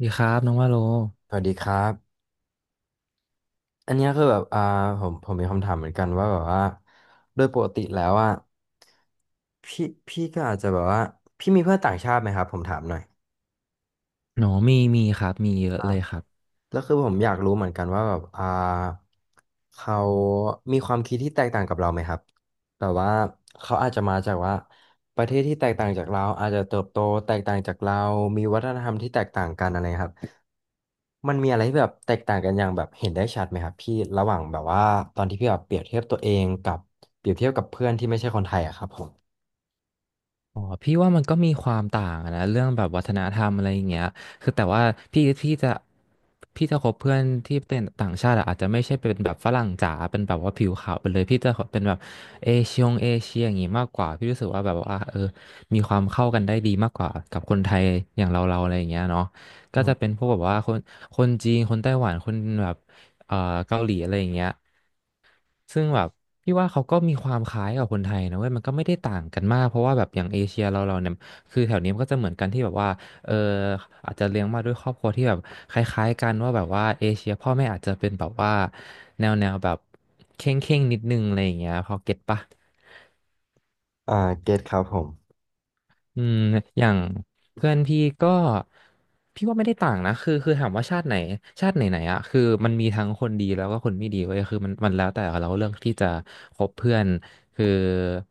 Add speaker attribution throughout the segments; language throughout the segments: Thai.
Speaker 1: ดีครับน้องว่าโล
Speaker 2: สวัสดีครับ อันเนี้ยคือแบบผมมีคำถามเหมือนกันว่าแบบว่า โดยปกติแล้วอ่ะพี่ก็อาจจะแบบว่า พี่มีเพื่อนต่างชาติไหมครับ ผมถามหน่อย
Speaker 1: หนอมีครับมีเยอะ
Speaker 2: อ่า
Speaker 1: เลยครับ
Speaker 2: แล้วคือผมอยากรู้เหมือนกันว่าแบบเขามีความคิดที่แตกต่างกับเราไหมครับแต่ว่าเขาอาจจะมาจากว่าประเทศที่แตกต่างจากเราอาจจะเติบโตแตกต่างจากเรามีวัฒนธรรมที่แตกต่างกันอะไรครับมันมีอะไรที่แบบแตกต่างกันอย่างแบบเห็นได้ชัดไหมครับพี่ระหว่างแบบว่าตอนที่พี่แบบเปรียบเทียบตัวเองกับเปรียบเทียบกับเพื่อนที่ไม่ใช่คนไทยอะครับผม
Speaker 1: อ๋อพี่ว่ามันก็มีความต่างอะนะเรื่องแบบวัฒนธรรมอะไรอย่างเงี้ยคือแต่ว่าพี่พี่จะพี่จะคบเพื่อนที่เป็นต่างชาติอะอาจจะไม่ใช่เป็นแบบฝรั่งจ๋าเป็นแบบว่าผิวขาวไปเลยพี่จะเป็นแบบเอเชียอย่างงี้มากกว่าพี่รู้สึกว่าแบบว่ามีความเข้ากันได้ดีมากกว่ากับคนไทยอย่างเราอะไรอย่างเงี้ยเนาะ
Speaker 2: อื
Speaker 1: ก็จะเป็น
Speaker 2: ม
Speaker 1: พวกแบบว่าคนจีนคนไต้หวันคนแบบเอ่อเกาหลีอะไรอย่างเงี้ย ซึ่งแบบพี่ว่าเขาก็มีความคล้ายกับคนไทยนะเว้ยมันก็ไม่ได้ต่างกันมากเพราะว่าแบบอย่างเอเชียเราเนี่ยคือแถวนี้มันก็จะเหมือนกันที่แบบว่าเอออาจจะเลี้ยงมาด้วยครอบครัวที่แบบคล้ายๆกันว่าแบบว่าเอเชียพ่อแม่อาจจะเป็นแบบว่าแนวแนวแบบเข่งเข่งนิดนึงอะไรอย่างเงี้ยพอเก็ตปะ
Speaker 2: อ่าเก็ตครับผม
Speaker 1: อืมอย่างเพื่อนพี่ก็พี่ว่าไม่ได้ต่างนะคือถามว่าชาติไหนชาติไหนไหนอะคือมันมีทั้งคนดีแล้วก็คนไม่ดีเว้ยคือมันแล้วแต่เราเลือกที่จะคบเพื่อนคือ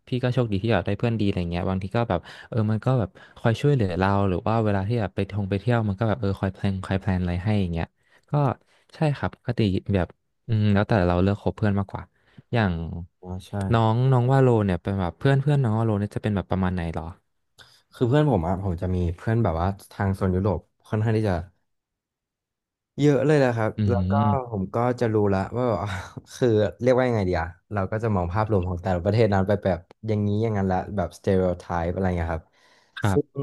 Speaker 1: พี่ก็โชคดีที่แบบได้เพื่อนดีอะไรเงี้ยบางทีก็แบบมันก็แบบคอยช่วยเหลือเราหรือว่าเวลาที่แบบไปท่องไปเที่ยวมันก็แบบคอยแพลนคอยแพลนอะไรให้อย่างเงี้ยก็ใช่ครับปก็ติแบบแล้วแต่เราเลือกคบเพื่อนมากกว่าอย่าง
Speaker 2: อ๋อใช่
Speaker 1: น้องน้องว่าโลเนี่ยเป็นแบบเพื่อนเพื่อนน้องว่าโลเนี่ยจะเป็นแบบประมาณไหนเหรอ
Speaker 2: คือเพื่อนผมอะผมจะมีเพื่อนแบบว่าทางโซนยุโรปค่อนข้างที่จะ เยอะเลยแหละครับ
Speaker 1: อื
Speaker 2: แล้วก็ผ
Speaker 1: ม
Speaker 2: มก็จะรู้ละว่าแบบ คือเรียกว่ายังไงดีอะเราก็จะมองภาพรวมของแต่ละประเทศนั้นไปแบบอย่างนี้อย่างนั้นละแบบสเต r e o t ไทป์อะไรเงี้ยครับ
Speaker 1: ครั
Speaker 2: ซึ่
Speaker 1: บ
Speaker 2: ง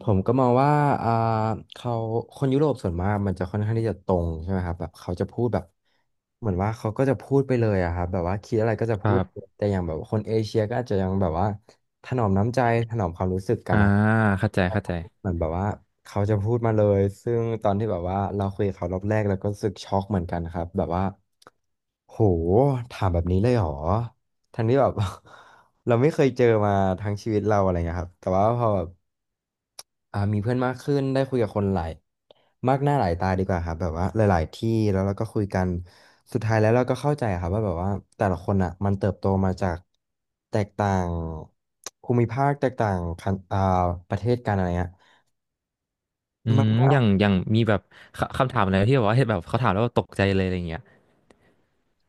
Speaker 2: ผมก็มองว่าอ่าเขาคนยุโรปส่วนมากมันจะค่อนข้างที่จะตรงใช่ไหมครับแบบเขาจะพูดแบบเหมือนว่าเขาก็จะพูดไปเลยอะครับแบบว่าคิดอะไรก็จะ
Speaker 1: ค
Speaker 2: พู
Speaker 1: รั
Speaker 2: ด
Speaker 1: บ
Speaker 2: แต่อย่างแบบคนเอเชียก็อาจจะยังแบบว่าถนอมน้ำใจถนอมความรู้สึกกัน
Speaker 1: อ่า
Speaker 2: นะครับ
Speaker 1: เข้าใจเข้าใจ
Speaker 2: เหมือนแบบว่าเขาจะพูดมาเลยซึ่งตอนที่แบบว่าเราคุยกับเขารอบแรกเราก็รู้สึกช็อกเหมือนกันครับแบบว่าโหถามแบบนี้เลยเหรอทั้งที่แบบ เราไม่เคยเจอมาทั้งชีวิตเราอะไรเงี้ยครับแต่ว่าพอแบบมีเพื่อนมากขึ้นได้คุยกับคนหลายมากหน้าหลายตาดีกว่าครับแบบว่าหลายๆที่แล้วเราก็คุยกัน สุดท้ายแล้วเราก็เข้าใจครับว่าแบบว่าแต่ละคนอ่ะมันเติบโตมาจากแตกต่างภูมิภาคแตกต่างคันอ่าประเทศกันอะไรเงี้ย
Speaker 1: อื
Speaker 2: มัน
Speaker 1: ม
Speaker 2: ก็
Speaker 1: อย่างมีแบบคำถามอะไรที่แบบว่าเห็นแบบเขาถามแล้วแบบตกใจเลยอะไรเงี้ย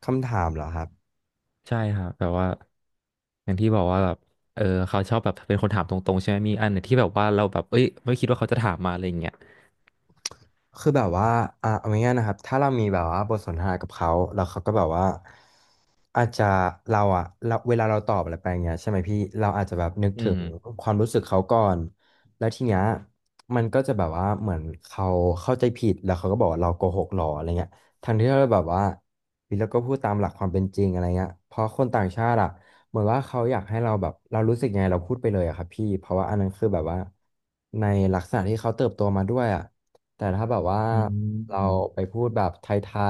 Speaker 2: คำถามเหรอครับ
Speaker 1: ใช่ครับแบบว่าอย่างที่บอกว่าแบบเขาชอบแบบเป็นคนถามตรงๆใช่ไหมมีอันไหนที่แบบว่าเราแบบเอ้ยไม่คิดว่าเขาจะถามมาอะไรเงี้ย
Speaker 2: คือแบบว่าอ่ะเอาง่ายๆนะครับถ้าเรามีแบบว่าบทสนทนากับเขาแล้วเขาก็แบบว่า อาจจะเราอะเราเวลาเราตอบอะไรไปอย่างเงี้ยใช่ไหมพี่เราอาจจะแบบนึก
Speaker 1: อื
Speaker 2: ถึ
Speaker 1: ม
Speaker 2: งความรู้สึกเขาก่อนแล้วทีเนี้ยมันก็จะแบบว่าเหมือนเขาเข้าใจผิดแล้วเขาก็บอกว่าเราโกหกหรออะไรเงี้ยทางที่เราแบบว่าพี่เราก็พูดตามหลักความเป็นจริงอะไรเงี้ยเพราะคนต่างชาติอะเหมือนว่าเขาอยากให้เราแบบเรารู้สึกยังไงเราพูดไปเลยอะครับพี่เพราะว่าอันนั้นคือแบบว่าในลักษณะที่เขาเติบโตมาด้วยอะแต่ถ้าแบบว่า
Speaker 1: อื
Speaker 2: เรา
Speaker 1: ม
Speaker 2: ไปพูดแบบไท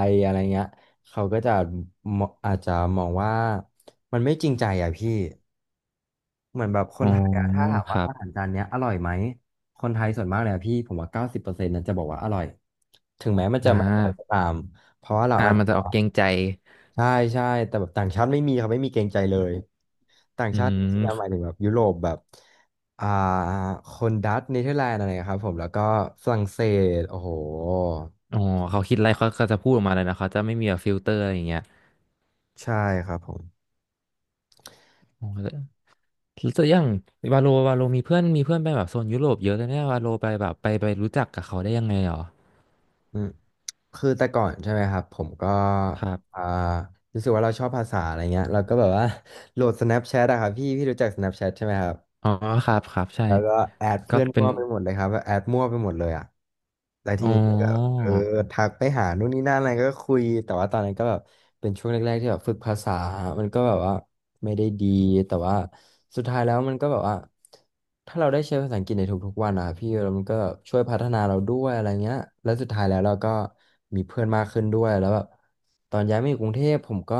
Speaker 2: ยๆอะไรเงี้ย เขาก็จะมองอาจจะมองว่ามันไม่จริงใจอ่ะพี่เหมือนแบบค
Speaker 1: อ๋
Speaker 2: น
Speaker 1: อ
Speaker 2: ไทยอ่ะถ้าถาม
Speaker 1: ค
Speaker 2: ว่า
Speaker 1: รับ
Speaker 2: อาหารจานเนี้ยอร่อยไหมคนไทยส่วนมากเลยอะพี่ผมว่า90%นั้นจะบอกว่าอร่อยถึงแม้มัน
Speaker 1: อ่
Speaker 2: จะไม่อร่อยก็
Speaker 1: า
Speaker 2: ตามเพราะว่าเราอาจ
Speaker 1: มันจะ
Speaker 2: จะ
Speaker 1: ออกเกรงใจ
Speaker 2: ใช่ใช่แต่แบบต่างชาติไม่มีเขาไม่มีเกรงใจเลยต่าง
Speaker 1: อื
Speaker 2: ชาติที่หมา
Speaker 1: ม
Speaker 2: ยถึงแบบยุโรปแบบอ่าคนดัตช์เนเธอร์แลนด์อะไรครับผมแล้วก็ฝรั่งเศสโอ้โห
Speaker 1: อ๋อเขาคิดอะไรเขาก็จะพูดออกมาเลยนะเขาจะไม่มีแบบฟิลเตอร์อะไรอย่างเงี้ย
Speaker 2: ใช่ครับผม
Speaker 1: อ๋อ แล้วตัอย่างวาโลมีเพื่อนไปแบบโซนยุโรปเยอะเลยเนี่ยวาโลไปแบบไปรู้จักกับเขาได้ยังไงหรอ
Speaker 2: อืมคือแต่ก่อนใช่ไหมครับผมก็
Speaker 1: ครับ
Speaker 2: อ่ารู้สึกว่าเราชอบภาษาอะไรเงี้ยเราก็แบบว่า โหลด Snapchat อะครับพี่พี่รู้จัก Snapchat ใช่ไหมครับ
Speaker 1: อ๋อครับครับใช่
Speaker 2: แล้วก็แอด
Speaker 1: ก็
Speaker 2: เพื่อน
Speaker 1: เป็
Speaker 2: มั่
Speaker 1: น
Speaker 2: วไปหมดเลยครับแอดมั่วไปหมดเลยอะแล้วที
Speaker 1: อ๋อ
Speaker 2: นี้ เออทักไปหานู่นนี่นั่นอะไรก็คุยแต่ว่าตอนนั้นก็แบบเป็นช่วงแรกๆที่แบบฝึกภาษามันก็แบบว่าไม่ได้ดีแต่ว่าสุดท้ายแล้วมันก็แบบว่าถ้าเราได้ใช้ภาษาอังกฤษในทุกๆวันอะพี่แล้วมันก็ช่วยพัฒนาเราด้วยอะไรเงี้ยแล้วสุดท้ายแล้วเราก็มีเพื่อนมากขึ้นด้วยแล้วแบบตอนย้ายมาอยู่กรุงเทพผมก็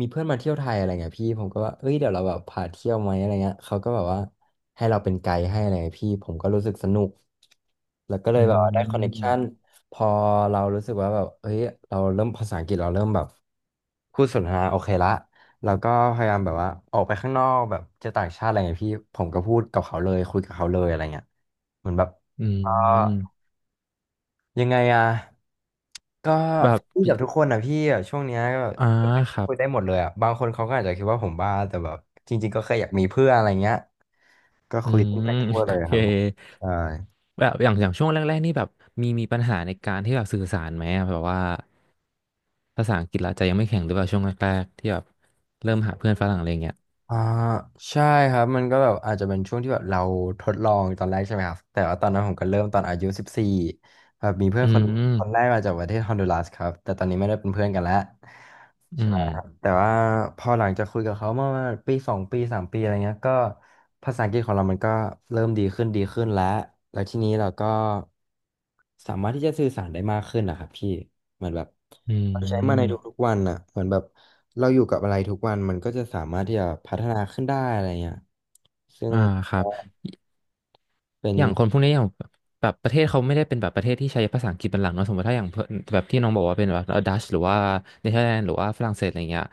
Speaker 2: มีเพื่อนมาเที่ยวไทยอะไรเงี้ยพี่ผมก็ว่าเอ้ยเดี๋ยวเราแบบพาเที่ยวไหมอะไรเงี้ยเขาก็แบบว่าให้เราเป็นไกด์ให้อะไรเงี้ยพี่ผมก็รู้สึกสนุก แล้วก็เล
Speaker 1: อื
Speaker 2: ยแบบว่าได้คอนเน t ชัน
Speaker 1: ม
Speaker 2: พอเรารู้สึกว่าแบบเฮ้ยเราเริ่มภาษาอังกฤษเราเริ่มแบบพูดสนทนาโอเคละเราก็พยายามแบบว่าออกไปข้างนอกแบบเจอต่างชาติอะไรเงี้ยพี่ผมก็พูดกับเขาเลยคุยกับเขาเลยอะไรเงี้ยเหมือนแบบ
Speaker 1: อื
Speaker 2: เออ
Speaker 1: ม
Speaker 2: ยังไงอะก็
Speaker 1: แบบ
Speaker 2: ฟี่กับทุกคนอะพี่อะช่วงเนี้ยก็แบบ
Speaker 1: อ่าครั
Speaker 2: คุยได้
Speaker 1: บ
Speaker 2: หมดเลยอะบางคนเขาก็อาจจะคิดว่าผมบ้าแต่แบบจริงๆก็แค่อยากมีเพื่อนอะไรเงี้ยก็
Speaker 1: อื
Speaker 2: คุยกัน
Speaker 1: ม
Speaker 2: ไป ทั่วเล
Speaker 1: โอ
Speaker 2: ย
Speaker 1: เค
Speaker 2: ครับผมใช่
Speaker 1: แบบอย่างช่วงแรกๆนี่แบบมีปัญหาในการที่แบบสื่อสารไหมอะแบบว่าภาษาอังกฤษเราจะยังไม่แข็งหรือเปล่าช่วงแรกๆที่แบบเริ่มหาเพื่อนฝรั่งอะไรเงี้ย
Speaker 2: อ่าใช่ครับมันก็แบบอาจจะเป็นช่วงที่แบบเราทดลองตอนแรกใช่ไหมครับแต่ว่าตอนนั้นผมก็เริ่มตอนอายุ14แบบมีเพื่อน
Speaker 1: อื
Speaker 2: คนแร
Speaker 1: ม
Speaker 2: กมาจากประเทศฮอนดูรัสครับแต่ตอนนี้ไม่ได้เป็นเพื่อนกันแล้ว
Speaker 1: อื
Speaker 2: ใช่
Speaker 1: ม
Speaker 2: ครับแต่ว่าพอหลังจากคุยกับเขาเมื่อปีสองปีสามปีอะไรเงี้ยก็ภาษาอังกฤษของเรามันก็เริ่มดีขึ้นดีขึ้นแล้วแล้วทีนี้เราก็สามารถที่จะสื่อสารได้มากขึ้นนะครับพี่ เหมือนแบบ
Speaker 1: อื
Speaker 2: เราใช้มาใน
Speaker 1: ม
Speaker 2: ทุกๆวันอ่ะเหมือนแบบเราอยู่กับอะไรทุกวัน มันก็จะสามารถที่จะพัฒนาขึ้นได้อะไรเงี้ยซึ่ง
Speaker 1: อ่าครั
Speaker 2: ก็
Speaker 1: บ
Speaker 2: เป็น
Speaker 1: อย่างคนพวกนี้อย่างแบบประเทศเขาไม่ได้เป็นแบบประเทศที่ใช้ภาษาอังกฤษเป็นหลักเนอะสมมติถ้าอย่างเพื่อนแบบที่น้องบอกว่าเป็นแบบดัชหรือว่าเนเธอร์แลนด์หรือว่าฝรั่งเศสอะไรเงี้ย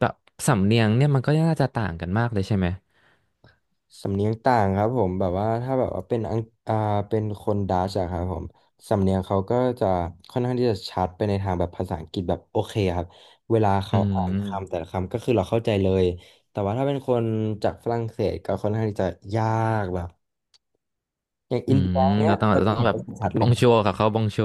Speaker 1: แบบสำเนียงเนี่ยมันก็น่าจะต่างกันมากเลยใช่ไหม
Speaker 2: สำเนียงต่างครับผมแบบว่าถ้าแบบว่าเป็นอังอ่าเป็นคนดัชอะครับผมสำเนียงเขาก็จะค่อนข้างที่จะชัดไปในทางแบบภาษาอังกฤษแบบโอเคครับเวลา
Speaker 1: อื
Speaker 2: เขาอ่านคำแต่
Speaker 1: ม
Speaker 2: ละคำก็คือเราเข้าใจเลยแต่ว่าถ้าเป็นคนจากฝรั่งเศสก็ค่อนข้างที่จะยากแบบอย่าง
Speaker 1: อื
Speaker 2: อินเดีย
Speaker 1: ม
Speaker 2: เนี้
Speaker 1: เรา
Speaker 2: ย
Speaker 1: ต้อง
Speaker 2: เรา
Speaker 1: เรา
Speaker 2: ก็
Speaker 1: ต้อง
Speaker 2: เห็น
Speaker 1: แบบ
Speaker 2: ได้ชัด
Speaker 1: บ
Speaker 2: เล
Speaker 1: อ
Speaker 2: ย
Speaker 1: งโชกับเขาบองโช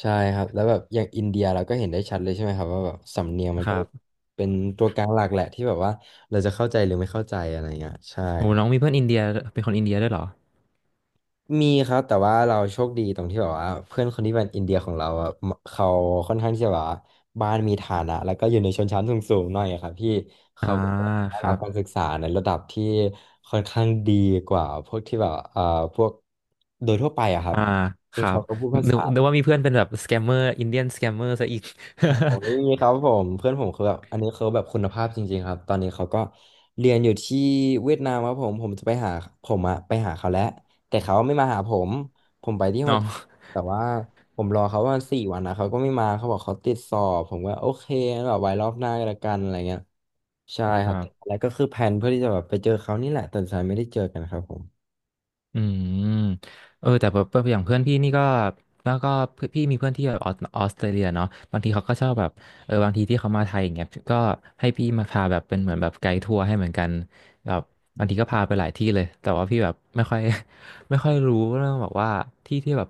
Speaker 2: ใช่ครับแล้วแบบอย่างอินเดียเราก็เห็นได้ชัดเลยใช่ไหมครับว่าแบบสำเนียงมัน
Speaker 1: ค
Speaker 2: ก็
Speaker 1: รับ
Speaker 2: เป็นตัวกลางหลักแหละที่แบบว่าเราจะเข้าใจหรือไม่เข้าใจอะไรเงี้ยใช่
Speaker 1: โอ้
Speaker 2: ครับ
Speaker 1: น้องมีเพื่อนอินเดียเป็นคนอินเดียด้วยเหรอ
Speaker 2: มีครับแต่ว่าเราโชคดีตรงที่แบบว่าเพื่อนคนที่เป็นอินเดียของเราอะเขาค่อนข้างที่จะแบบว่าบ้านมีฐานะแล้วก็อยู่ในชนชั้นสูงๆหน่อยอะครับพี่
Speaker 1: อ่า
Speaker 2: เขาก็ได้
Speaker 1: ค
Speaker 2: รั
Speaker 1: รั
Speaker 2: บ
Speaker 1: บ
Speaker 2: การศึกษาในระดับที่ค่อนข้างดีกว่าพวกที่แบบพวกโดยทั่วไปอะครับ
Speaker 1: อ่าค
Speaker 2: ซึ่ง
Speaker 1: รับ
Speaker 2: เขาก็พูดภา
Speaker 1: นึ
Speaker 2: ษา
Speaker 1: กนึกว่ามีเพื่อนเป็นแบบสแกมเมอร์อินเดียนสแกมเมอร์ซะอีก
Speaker 2: โอ้โหไม่มีครับผมเพื่อนผมคือแบบอันนี้เขาแบบคุณภาพจริงๆครับตอนนี้เขาก็เรียนอยู่ที่เวียดนามครับผมผมจะไปหาผมอะไปหาเขาแล้วแต่เขาไม่มาหาผมผมไปที่ โฮ
Speaker 1: น้อง
Speaker 2: จิแต่ว่าผมรอเขาประมาณสี่วันนะเขาก็ไม่มาเขาบอกเขาติดสอบผมก็โอเคงั้นแบบไว้รอบหน้าก็แล้วกันอะไรเงี้ยใช่
Speaker 1: ค
Speaker 2: ครั
Speaker 1: รั
Speaker 2: บ
Speaker 1: บ
Speaker 2: แล้วก็คือแผนเพื่อที่จะแบบไปเจอเขานี่แหละแต่สุดท้ายไม่ได้เจอกันครับผม
Speaker 1: อืมแต่แบบอย่างเพื่อนพี่นี่ก็แล้วก็เพื่อนพี่มีเพื่อนที่แบบออสเตรเลียเนาะบางทีเขาก็ชอบแบบบางทีที่เขามาไทยอย่างเงี้ยก็ให้พี่มาพาแบบเป็นเหมือนแบบไกด์ทัวร์ให้เหมือนกันแบบบางทีก็พาไปหลายที่เลยแต่ว่าพี่แบบไม่ค่อย ไม่ค่อยรู้เรื่องแบบว่าที่ที่แบบ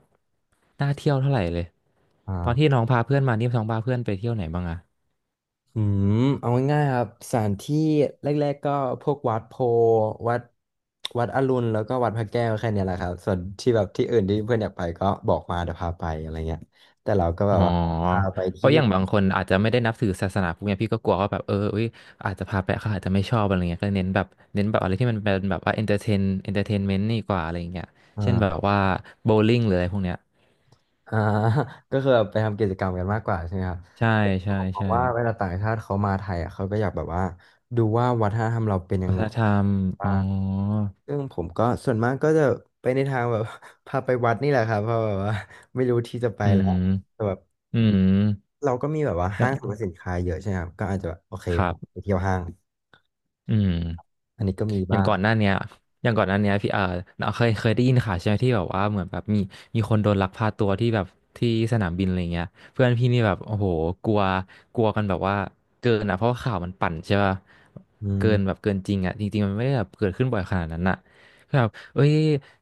Speaker 1: น่าเที่ยวเท่าไหร่เลยตอนที่
Speaker 2: อ่า
Speaker 1: น้องพาเพื่อนมานี่น้องพาเพื่อนไปเที่ยวไหนบ้างอะ
Speaker 2: อืมเอาง่ายๆครับสถานที่แรกๆก็พวกวัดโพธิ์วัดวัดอรุณแล้วก็วัดพระแก้วแค่เนี้ยแหละครับส่วนที่แบบที่อื่นที่เพื่อนอยากไปก็บอกมาเดี๋ยวพาไปอะไรเงี้ยแต่เราก็แบ
Speaker 1: อ๋อ
Speaker 2: บว่าพาไป
Speaker 1: เพ
Speaker 2: ที่
Speaker 1: ราะอย่างบางคนอาจจะไม่ได้นับถือศาสนาพวกเนี้ยพี่ก็กลัวว่าแบบอุ้ยอาจจะพาไปเขาอาจจะไม่ชอบอะไรเงี้ยก็เน้นแบบอะไรที่มันเป็นแบบว่าเอนเตอร์เทนเอนเตอร์เทนเมนต์นี่กว่าอะไรเงี้ยเช่นแบ
Speaker 2: อ่า
Speaker 1: บว่าโบว์ลิ่งหรืออะไรพวกเนี้ย
Speaker 2: อ่า ก็คือแบบไปทำกิจกรรมกันมากกว่าใช่ไหมครับ
Speaker 1: ใช่
Speaker 2: ผมก็
Speaker 1: ใช่
Speaker 2: มอง
Speaker 1: ใช่
Speaker 2: ว่าเวลาต่างชาติเขามาไทยอ่ะเขาก็อยากแบบว่าดูว่าวัฒนธรรมเราเป็นยั
Speaker 1: วั
Speaker 2: ง
Speaker 1: ฒ
Speaker 2: ไง
Speaker 1: นธรรมอ๋
Speaker 2: บ้า
Speaker 1: อ
Speaker 2: งซึ่งผมก็ส่วนมากก็จะไปในทางแบบ พาไปวัดนี่แหละครับเพราะแบบว่า ไม่รู้ที่จะไป
Speaker 1: อื
Speaker 2: แล้ว
Speaker 1: ม
Speaker 2: แต่แบบ
Speaker 1: อืม
Speaker 2: เราก็มีแบบว่า
Speaker 1: อย่า
Speaker 2: ห้างสรรพสิ
Speaker 1: ง
Speaker 2: นค้าเยอะใช่ไหมครับก็อาจจะแบบโอเค
Speaker 1: ครั
Speaker 2: ผมไป
Speaker 1: บ
Speaker 2: เที่ยวห้าง
Speaker 1: อืม
Speaker 2: อันนี้ก็มี
Speaker 1: อย่าง
Speaker 2: บ้าง
Speaker 1: ก่อนหน้าเนี้ยอย่างก่อนหน้าเนี้ยพี่เราเคยได้ยินข่าวใช่ไหมที่แบบว่าเหมือนแบบมีคนโดนลักพาตัวที่แบบที่สนามบินอะไรเงี้ยเพื่อนพี่นี่แบบโอ้โหกลัวกลัวกันแบบว่าเกินอ่ะเพราะว่าข่าวมันปั่นใช่ป่ะ
Speaker 2: อื
Speaker 1: เกินแบบ
Speaker 2: ม
Speaker 1: เกินจริงอ่ะจริงๆมันไม่ได้แบบเกิดขึ้นบ่อยขนาดนั้นอ่ะคือแบบเอ้ย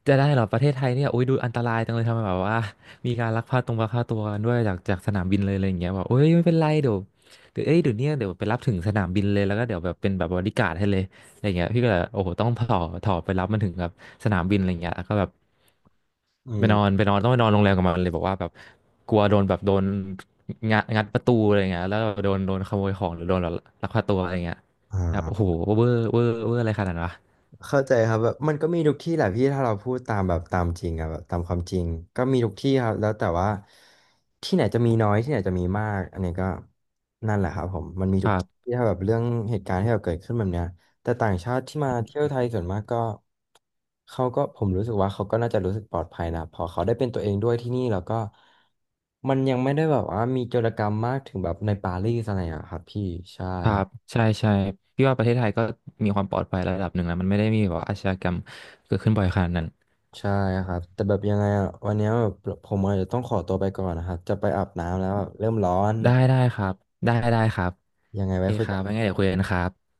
Speaker 1: จะได้เหรอประเทศไทยเนี่ยโอ้ยดูอันตรายจังเลยทำไมแบบว่ามีการลักพาตัวกันด้วยจากสนามบินเลยอะไรอย่างเงี้ยบอกเอ้ยไม่เป็นไรเดี๋ยวเอ้ยเดี๋ยวเนี้ยเดี๋ยวไปรับถึงสนามบินเลยแล้วก็เดี๋ยวแบบเป็นแบบบอดี้การ์ดให้เลย อะไรเงี้ยพี่ก็เลยโอ้โหต้องต่อไปรับมันถึงแบบสนามบินอะไรเงี้ยแล้วก็แบบ
Speaker 2: อื
Speaker 1: ไปนอน
Speaker 2: ม
Speaker 1: ไปนอนต้องไปนอนโรงแรมกับมันเลยบอกว่าแบบกลัวโดนแบบโดนงัดงัดประตูอะไรเงี้ยแล้วก็โดนขโมยของหรือโดนแบบลักพาตัวอะไรเงี้ย
Speaker 2: อ่
Speaker 1: ครับโอ้โห
Speaker 2: า
Speaker 1: เวอร์เวอร์เวอร์อะไรขนาดนั้นวะ
Speaker 2: เข้าใจครับแบบมันก็มีทุกที่แหละพี่ถ้าเราพูดตามแบบตามจริงอะแบบตามความจริงก็มีทุกที่ครับแล้วแต่ว่าที่ไหนจะมีน้อยที่ไหนจะมีมากอันนี้ก็นั่นแหละครับผมมันมี
Speaker 1: ค
Speaker 2: ทุก
Speaker 1: รั
Speaker 2: ที
Speaker 1: บ
Speaker 2: ่ถ้าแบบเรื่องเหตุการณ์ที่แบบเกิดขึ้นแบบเนี้ยแต่ต่างชาติที่มาเที่ยวไทยส่วนมากก็เขาก็ผมรู้สึกว่าเขาก็น่าจะรู้สึกปลอดภัยนะพอเขาได้เป็นตัวเองด้วยที่นี่แล้วก็มันยังไม่ได้แบบว่ามีโจรกรรมมากถึงแบบในปารีสอะไรอะครับพี่ใช่
Speaker 1: ครั
Speaker 2: ครับ
Speaker 1: บใช่ใช่พี่ว่าประเทศไทยก็มีความปลอดภัยระดับหนึ่งแล้วมันไม่ได้มีแบบว่าอาชญากรรมเกิดขึ้นบ่อยขนาดนั้น
Speaker 2: ใช่ครับแต่แบบยังไงอ่ะวันเนี้ยแบบผมอาจจะต้องขอตัวไปก่อนนะครับจะไปอาบน้ำแล้วแบบเริ่มร้อน
Speaker 1: ได้ได้ครับได้ได้ครับ
Speaker 2: ยังไง
Speaker 1: โอเค
Speaker 2: ไว้คุ
Speaker 1: ค
Speaker 2: ย
Speaker 1: รั
Speaker 2: กั
Speaker 1: บ
Speaker 2: น
Speaker 1: ไว้ไงเดี๋ยวคุยกันครับ